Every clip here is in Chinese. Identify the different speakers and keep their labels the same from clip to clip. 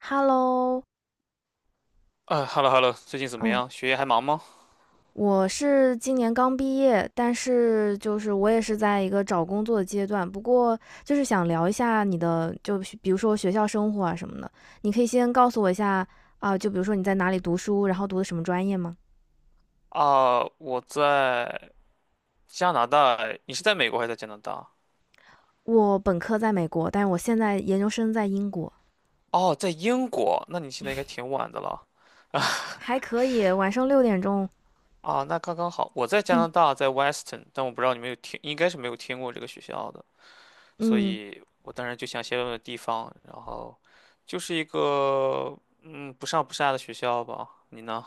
Speaker 1: Hello，
Speaker 2: 啊，hello hello，最近怎么
Speaker 1: 嗯，
Speaker 2: 样？学业还忙吗？
Speaker 1: 我是今年刚毕业，但是就是我也是在一个找工作的阶段。不过就是想聊一下你的，就比如说学校生活啊什么的，你可以先告诉我一下啊，就比如说你在哪里读书，然后读的什么专业吗？
Speaker 2: 啊，我在加拿大，你是在美国还是在加拿大？
Speaker 1: 我本科在美国，但是我现在研究生在英国，
Speaker 2: 哦，在英国，那你现在应该挺晚的了。
Speaker 1: 还可以。晚上6点钟，
Speaker 2: 啊，那刚刚好。我在加拿
Speaker 1: 嗯
Speaker 2: 大，在 Western， 但我不知道你们有听，应该是没有听过这个学校的，所
Speaker 1: 嗯。
Speaker 2: 以我当然就想先问问地方，然后就是一个不上不下的学校吧。你呢？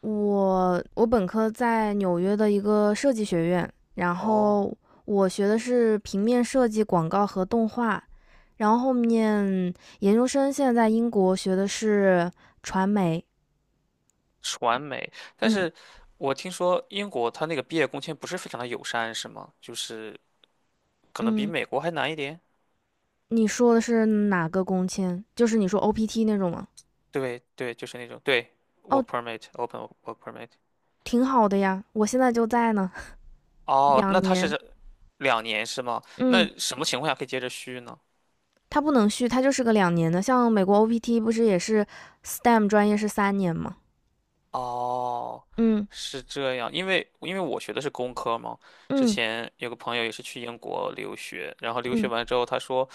Speaker 1: 我本科在纽约的一个设计学院，然
Speaker 2: 哦，
Speaker 1: 后我学的是平面设计、广告和动画，然后后面研究生现在在英国学的是传媒。
Speaker 2: 传媒。但
Speaker 1: 嗯
Speaker 2: 是我听说英国它那个毕业工签不是非常的友善，是吗？就是可能比
Speaker 1: 嗯，
Speaker 2: 美国还难一点。
Speaker 1: 你说的是哪个工签？就是你说 OPT 那种吗？
Speaker 2: 对对，就是那种，对，
Speaker 1: 哦，
Speaker 2: work permit open work permit。
Speaker 1: 挺好的呀，我现在就在呢，
Speaker 2: 哦，
Speaker 1: 两
Speaker 2: 那它
Speaker 1: 年。
Speaker 2: 是两年是吗？那
Speaker 1: 嗯，
Speaker 2: 什么情况下可以接着续呢？
Speaker 1: 它不能续，它就是个两年的。像美国 OPT 不是也是 STEM 专业是3年吗？
Speaker 2: 哦，
Speaker 1: 嗯
Speaker 2: 是这样，因为我学的是工科嘛。之
Speaker 1: 嗯
Speaker 2: 前有个朋友也是去英国留学，然后留学
Speaker 1: 嗯。
Speaker 2: 完之后他说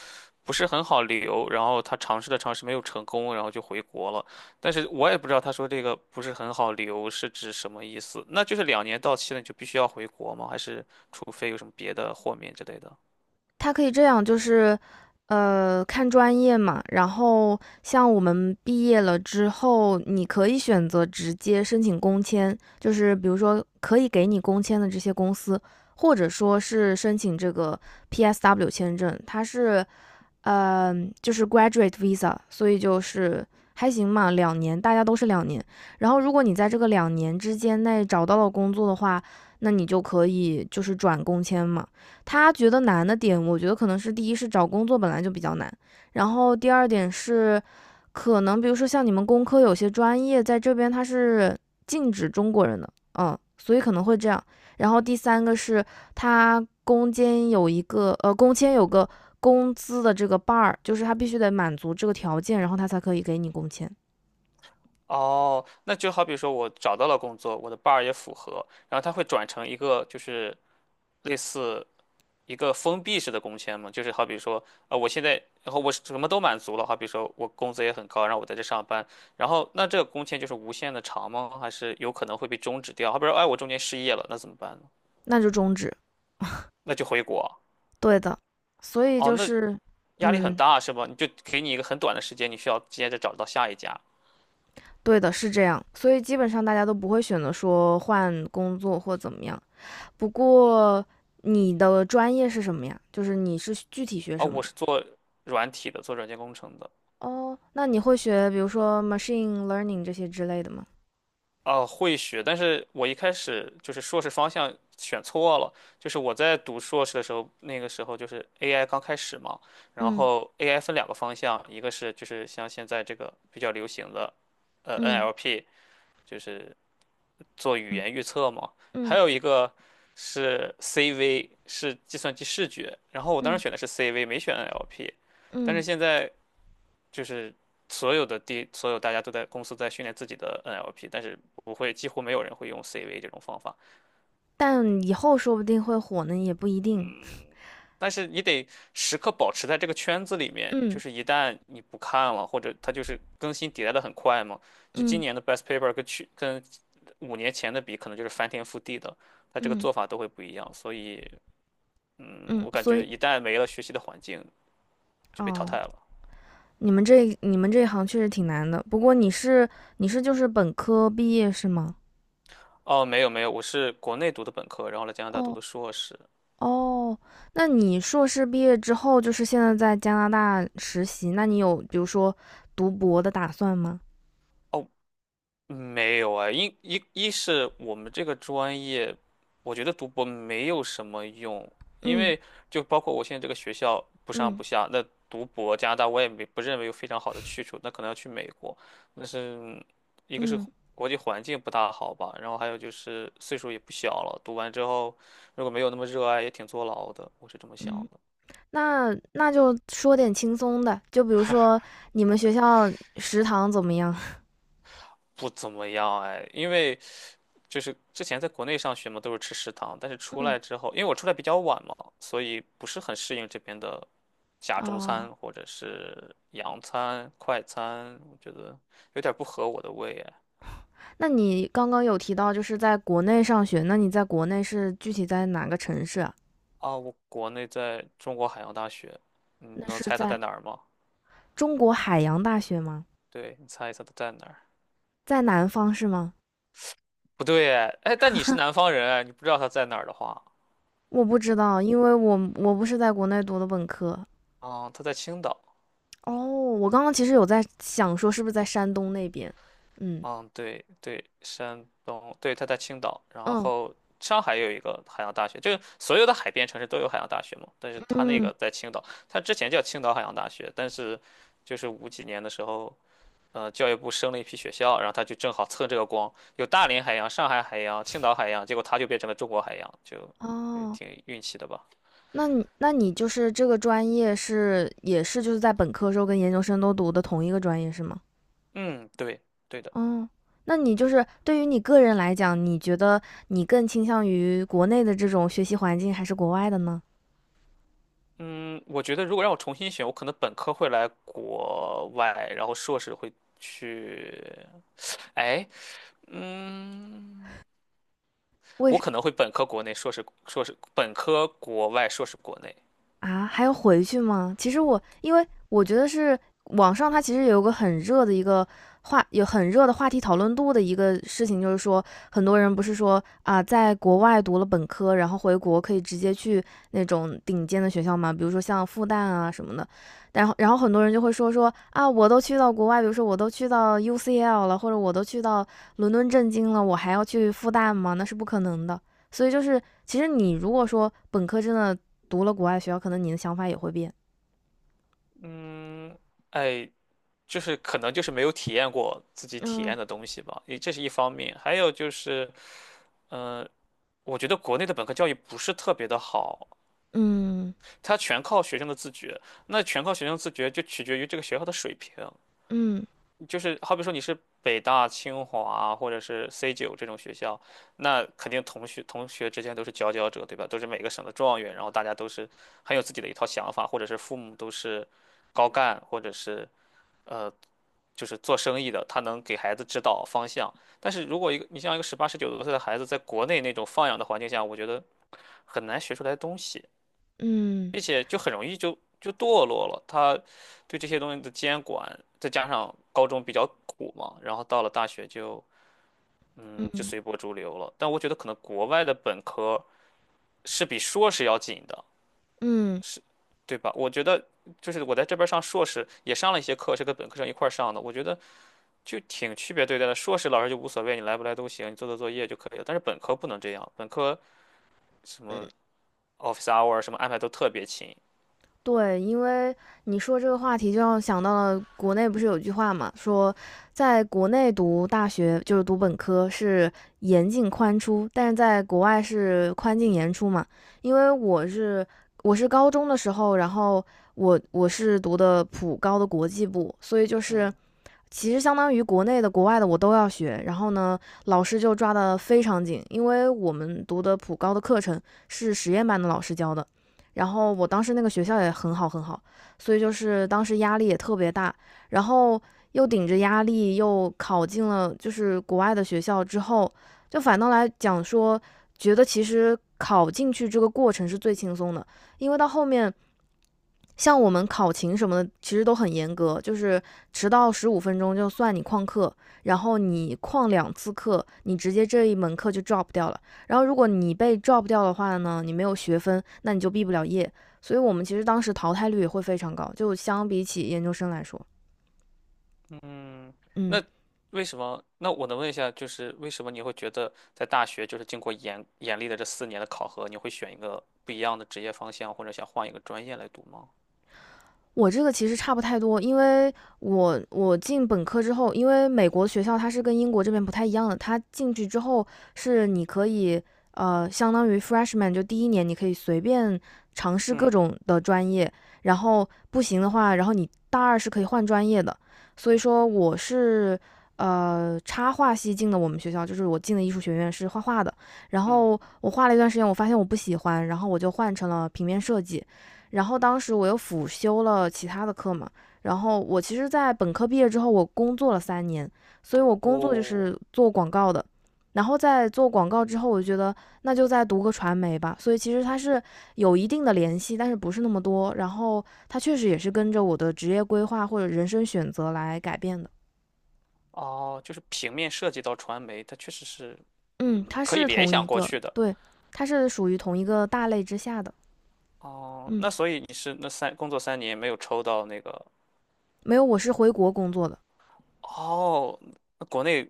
Speaker 2: 不是很好留，然后他尝试了尝试没有成功，然后就回国了。但是我也不知道他说这个不是很好留是指什么意思，那就是两年到期了你就必须要回国吗？还是除非有什么别的豁免之类的？
Speaker 1: 它可以这样，就是，看专业嘛。然后像我们毕业了之后，你可以选择直接申请工签，就是比如说可以给你工签的这些公司，或者说是申请这个 PSW 签证，它是呃，就是 graduate visa，所以就是还行嘛，两年，大家都是两年。然后如果你在这个两年之间内找到了工作的话，那你就可以就是转工签嘛。他觉得难的点，我觉得可能是第一是找工作本来就比较难，然后第二点是，可能比如说像你们工科有些专业在这边它是禁止中国人的，嗯，所以可能会这样。然后第三个是他攻坚有一个呃，工签有个工资的这个 bar，就是他必须得满足这个条件，然后他才可以给你工签，
Speaker 2: 哦，那就好比说我找到了工作，我的 bar 也符合，然后他会转成一个就是类似一个封闭式的工签嘛。就是好比说，啊、我现在，然后我什么都满足了，好比说我工资也很高，然后我在这上班，然后那这个工签就是无限的长吗？还是有可能会被终止掉？好比说，哎，我中间失业了，那怎么办呢？
Speaker 1: 那就终止。
Speaker 2: 那就回国啊。
Speaker 1: 对的，所以
Speaker 2: 哦，
Speaker 1: 就
Speaker 2: 那
Speaker 1: 是
Speaker 2: 压力很
Speaker 1: 嗯，
Speaker 2: 大是吧？你就给你一个很短的时间，你需要接着找到下一家。
Speaker 1: 对的，是这样。所以基本上大家都不会选择说换工作或怎么样。不过你的专业是什么呀？就是你是具体学
Speaker 2: 啊、
Speaker 1: 什么
Speaker 2: 我
Speaker 1: 的？
Speaker 2: 是做软体的，做软件工程的。
Speaker 1: 哦，那你会学比如说 machine learning 这些之类的吗？
Speaker 2: 啊，会学，但是我一开始就是硕士方向选错了。就是我在读硕士的时候，那个时候就是 AI 刚开始嘛，然
Speaker 1: 嗯
Speaker 2: 后 AI 分两个方向，一个是就是像现在这个比较流行的，
Speaker 1: 嗯
Speaker 2: NLP，就是做语
Speaker 1: 嗯
Speaker 2: 言预测嘛，还
Speaker 1: 嗯
Speaker 2: 有一个是 CV，是计算机视觉。然后我当
Speaker 1: 嗯嗯。
Speaker 2: 时
Speaker 1: 嗯
Speaker 2: 选的是 CV，没选 NLP，但是
Speaker 1: 嗯。
Speaker 2: 现在就是所有大家都在公司在训练自己的 NLP，但是不会，几乎没有人会用 CV 这种方法。
Speaker 1: 但以后说不定会火呢，也不一定。
Speaker 2: 但是你得时刻保持在这个圈子里面，就
Speaker 1: 嗯
Speaker 2: 是一旦你不看了，或者它就是更新迭代的很快嘛，就今
Speaker 1: 嗯
Speaker 2: 年的 best paper 跟5年前的比，可能就是翻天覆地的，它这个
Speaker 1: 嗯
Speaker 2: 做法都会不一样。所以，
Speaker 1: 嗯，
Speaker 2: 我感
Speaker 1: 所
Speaker 2: 觉
Speaker 1: 以
Speaker 2: 一旦没了学习的环境，就被淘汰
Speaker 1: 哦，
Speaker 2: 了。
Speaker 1: 你们这一行确实挺难的。不过你是就是本科毕业是吗？
Speaker 2: 哦，没有没有，我是国内读的本科，然后来加拿大读
Speaker 1: 哦
Speaker 2: 的硕士。
Speaker 1: 哦，那你硕士毕业之后，就是现在在加拿大实习，那你有比如说读博的打算吗？
Speaker 2: 哦。没有啊，一是我们这个专业，我觉得读博没有什么用，因
Speaker 1: 嗯
Speaker 2: 为就包括我现在这个学校不上
Speaker 1: 嗯
Speaker 2: 不下，那读博加拿大我也没不认为有非常好的去处，那可能要去美国。那是一个是
Speaker 1: 嗯
Speaker 2: 国际环境不大好吧，然后还有就是岁数也不小了，读完之后如果没有那么热爱，也挺坐牢的，我是这么想
Speaker 1: 嗯，
Speaker 2: 的。
Speaker 1: 那就说点轻松的，就比如说你们学校食堂怎么样？
Speaker 2: 不怎么样哎，因为就是之前在国内上学嘛，都是吃食堂，但是 出
Speaker 1: 嗯
Speaker 2: 来之后，因为我出来比较晚嘛，所以不是很适应这边的假中
Speaker 1: 哦，
Speaker 2: 餐或者是洋餐、快餐，我觉得有点不合我的胃哎。
Speaker 1: 那你刚刚有提到就是在国内上学，那你在国内是具体在哪个城市啊？
Speaker 2: 啊，我国内在中国海洋大学，你
Speaker 1: 那
Speaker 2: 能
Speaker 1: 是
Speaker 2: 猜它
Speaker 1: 在
Speaker 2: 在哪儿吗？
Speaker 1: 中国海洋大学吗？
Speaker 2: 对，你猜一猜它在哪儿？
Speaker 1: 在南方是吗？
Speaker 2: 不对哎，哎但你是南 方人哎，你不知道它在哪儿的话，
Speaker 1: 我不知道，因为我不是在国内读的本科。
Speaker 2: 啊，它在青岛。
Speaker 1: 哦，我刚刚其实有在想说是不是在山东那边？嗯
Speaker 2: 嗯，对对，山东，对，他在青岛。然
Speaker 1: 嗯
Speaker 2: 后上海也有一个海洋大学，就是所有的海边城市都有海洋大学嘛，但是他那
Speaker 1: 嗯，
Speaker 2: 个在青岛。他之前叫青岛海洋大学，但是就是五几年的时候，教育部升了一批学校，然后他就正好蹭这个光，有大连海洋、上海海洋、青岛海洋，结果他就变成了中国海洋，就
Speaker 1: 哦，
Speaker 2: 挺运气的吧？
Speaker 1: 那你就是这个专业是也是就是在本科时候跟研究生都读的同一个专业是吗？
Speaker 2: 嗯，对，对的。
Speaker 1: 嗯，那你就是对于你个人来讲，你觉得你更倾向于国内的这种学习环境还是国外的呢？
Speaker 2: 嗯，我觉得如果让我重新选，我可能本科会来国外，然后硕士会去，哎，嗯，我
Speaker 1: 为
Speaker 2: 可能会本科国内，硕士硕士本科国外，硕士国内。
Speaker 1: 啊，还要回去吗？其实我因为我觉得是网上它其实有很热的话题讨论度的一个事情，就是说很多人不是说啊，在国外读了本科，然后回国可以直接去那种顶尖的学校嘛，比如说像复旦啊什么的。然后很多人就会说说啊，我都去到国外，比如说我都去到 UCL 了，或者我都去到伦敦政经了，我还要去复旦吗？那是不可能的。所以就是，其实你如果说本科真的读了国外学校，可能你的想法也会变。
Speaker 2: 嗯、哎，就是可能就是没有体验过自己体
Speaker 1: 嗯
Speaker 2: 验的东西吧，也这是一方面。还有就是，嗯、我觉得国内的本科教育不是特别的好，
Speaker 1: 嗯
Speaker 2: 它全靠学生的自觉，那全靠学生自觉就取决于这个学校的水平。
Speaker 1: 嗯
Speaker 2: 就是好比说你是北大、清华或者是 C9这种学校，那肯定同学之间都是佼佼者，对吧？都是每个省的状元，然后大家都是很有自己的一套想法，或者是父母都是高干，或者是呃就是做生意的，他能给孩子指导方向。但是如果一个你像一个18、19多岁的孩子，在国内那种放养的环境下，我觉得很难学出来东西，
Speaker 1: 嗯
Speaker 2: 并且就很容易就堕落了。他对这些东西的监管，再加上高中比较苦嘛，然后到了大学就
Speaker 1: 嗯
Speaker 2: 随波逐流了。但我觉得可能国外的本科是比硕士要紧的，
Speaker 1: 嗯，
Speaker 2: 是，对吧？我觉得就是我在这边儿上硕士也上了一些课，是跟本科生一块儿上的，我觉得就挺区别对待的。硕士老师就无所谓，你来不来都行，你做做作业就可以了。但是本科不能这样，本科什么 office hour 什么安排都特别勤。
Speaker 1: 对，因为你说这个话题，就让我想到了国内不是有句话嘛，说在国内读大学就是读本科是严进宽出，但是在国外是宽进严出嘛。因为我是高中的时候，然后我是读的普高的国际部，所以就是
Speaker 2: 嗯。
Speaker 1: 其实相当于国内的、国外的我都要学。然后呢，老师就抓得非常紧，因为我们读的普高的课程是实验班的老师教的。然后我当时那个学校也很好很好，所以就是当时压力也特别大，然后又顶着压力又考进了就是国外的学校之后，就反倒来讲说，觉得其实考进去这个过程是最轻松的，因为到后面像我们考勤什么的，其实都很严格，就是迟到15分钟就算你旷课，然后你旷2次课，你直接这一门课就 drop 掉了。然后如果你被 drop 掉的话呢，你没有学分，那你就毕不了业。所以我们其实当时淘汰率也会非常高，就相比起研究生来说，
Speaker 2: 嗯，
Speaker 1: 嗯。
Speaker 2: 那为什么？那我能问一下，就是为什么你会觉得在大学，就是经过严厉的这4年的考核，你会选一个不一样的职业方向，或者想换一个专业来读吗？
Speaker 1: 我这个其实差不太多，因为我进本科之后，因为美国学校它是跟英国这边不太一样的，它进去之后是你可以相当于 freshman 就第一年你可以随便尝试各
Speaker 2: 嗯
Speaker 1: 种的专业，然后不行的话，然后你大二是可以换专业的，所以说我是插画系进的我们学校，就是我进的艺术学院是画画的，然
Speaker 2: 嗯，
Speaker 1: 后我画了一段时间，我发现我不喜欢，然后我就换成了平面设计。然后当时我又辅修了其他的课嘛，然后我其实，在本科毕业之后，我工作了三年，所以我工作就是
Speaker 2: 我
Speaker 1: 做广告的。然后在做广告之后，我觉得那就再读个传媒吧。所以其实它是有一定的联系，但是不是那么多。然后它确实也是跟着我的职业规划或者人生选择来改变的。
Speaker 2: 哦，就是平面设计到传媒，它确实是，
Speaker 1: 嗯，它
Speaker 2: 可以
Speaker 1: 是
Speaker 2: 联
Speaker 1: 同
Speaker 2: 想
Speaker 1: 一
Speaker 2: 过
Speaker 1: 个，
Speaker 2: 去的。
Speaker 1: 对，它是属于同一个大类之下的。
Speaker 2: 哦，
Speaker 1: 嗯，
Speaker 2: 那所以你是那工作3年没有抽到那个？
Speaker 1: 没有，我是回国工作的。
Speaker 2: 哦，那国内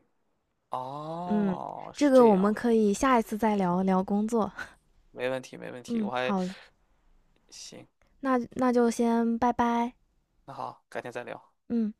Speaker 1: 嗯，
Speaker 2: 哦
Speaker 1: 这
Speaker 2: 是
Speaker 1: 个
Speaker 2: 这
Speaker 1: 我们
Speaker 2: 样。
Speaker 1: 可以下一次再聊聊工作。
Speaker 2: 没问题没问题，
Speaker 1: 嗯，
Speaker 2: 我还
Speaker 1: 好嘞，
Speaker 2: 行，
Speaker 1: 那就先拜拜。
Speaker 2: 那好，改天再聊。
Speaker 1: 嗯。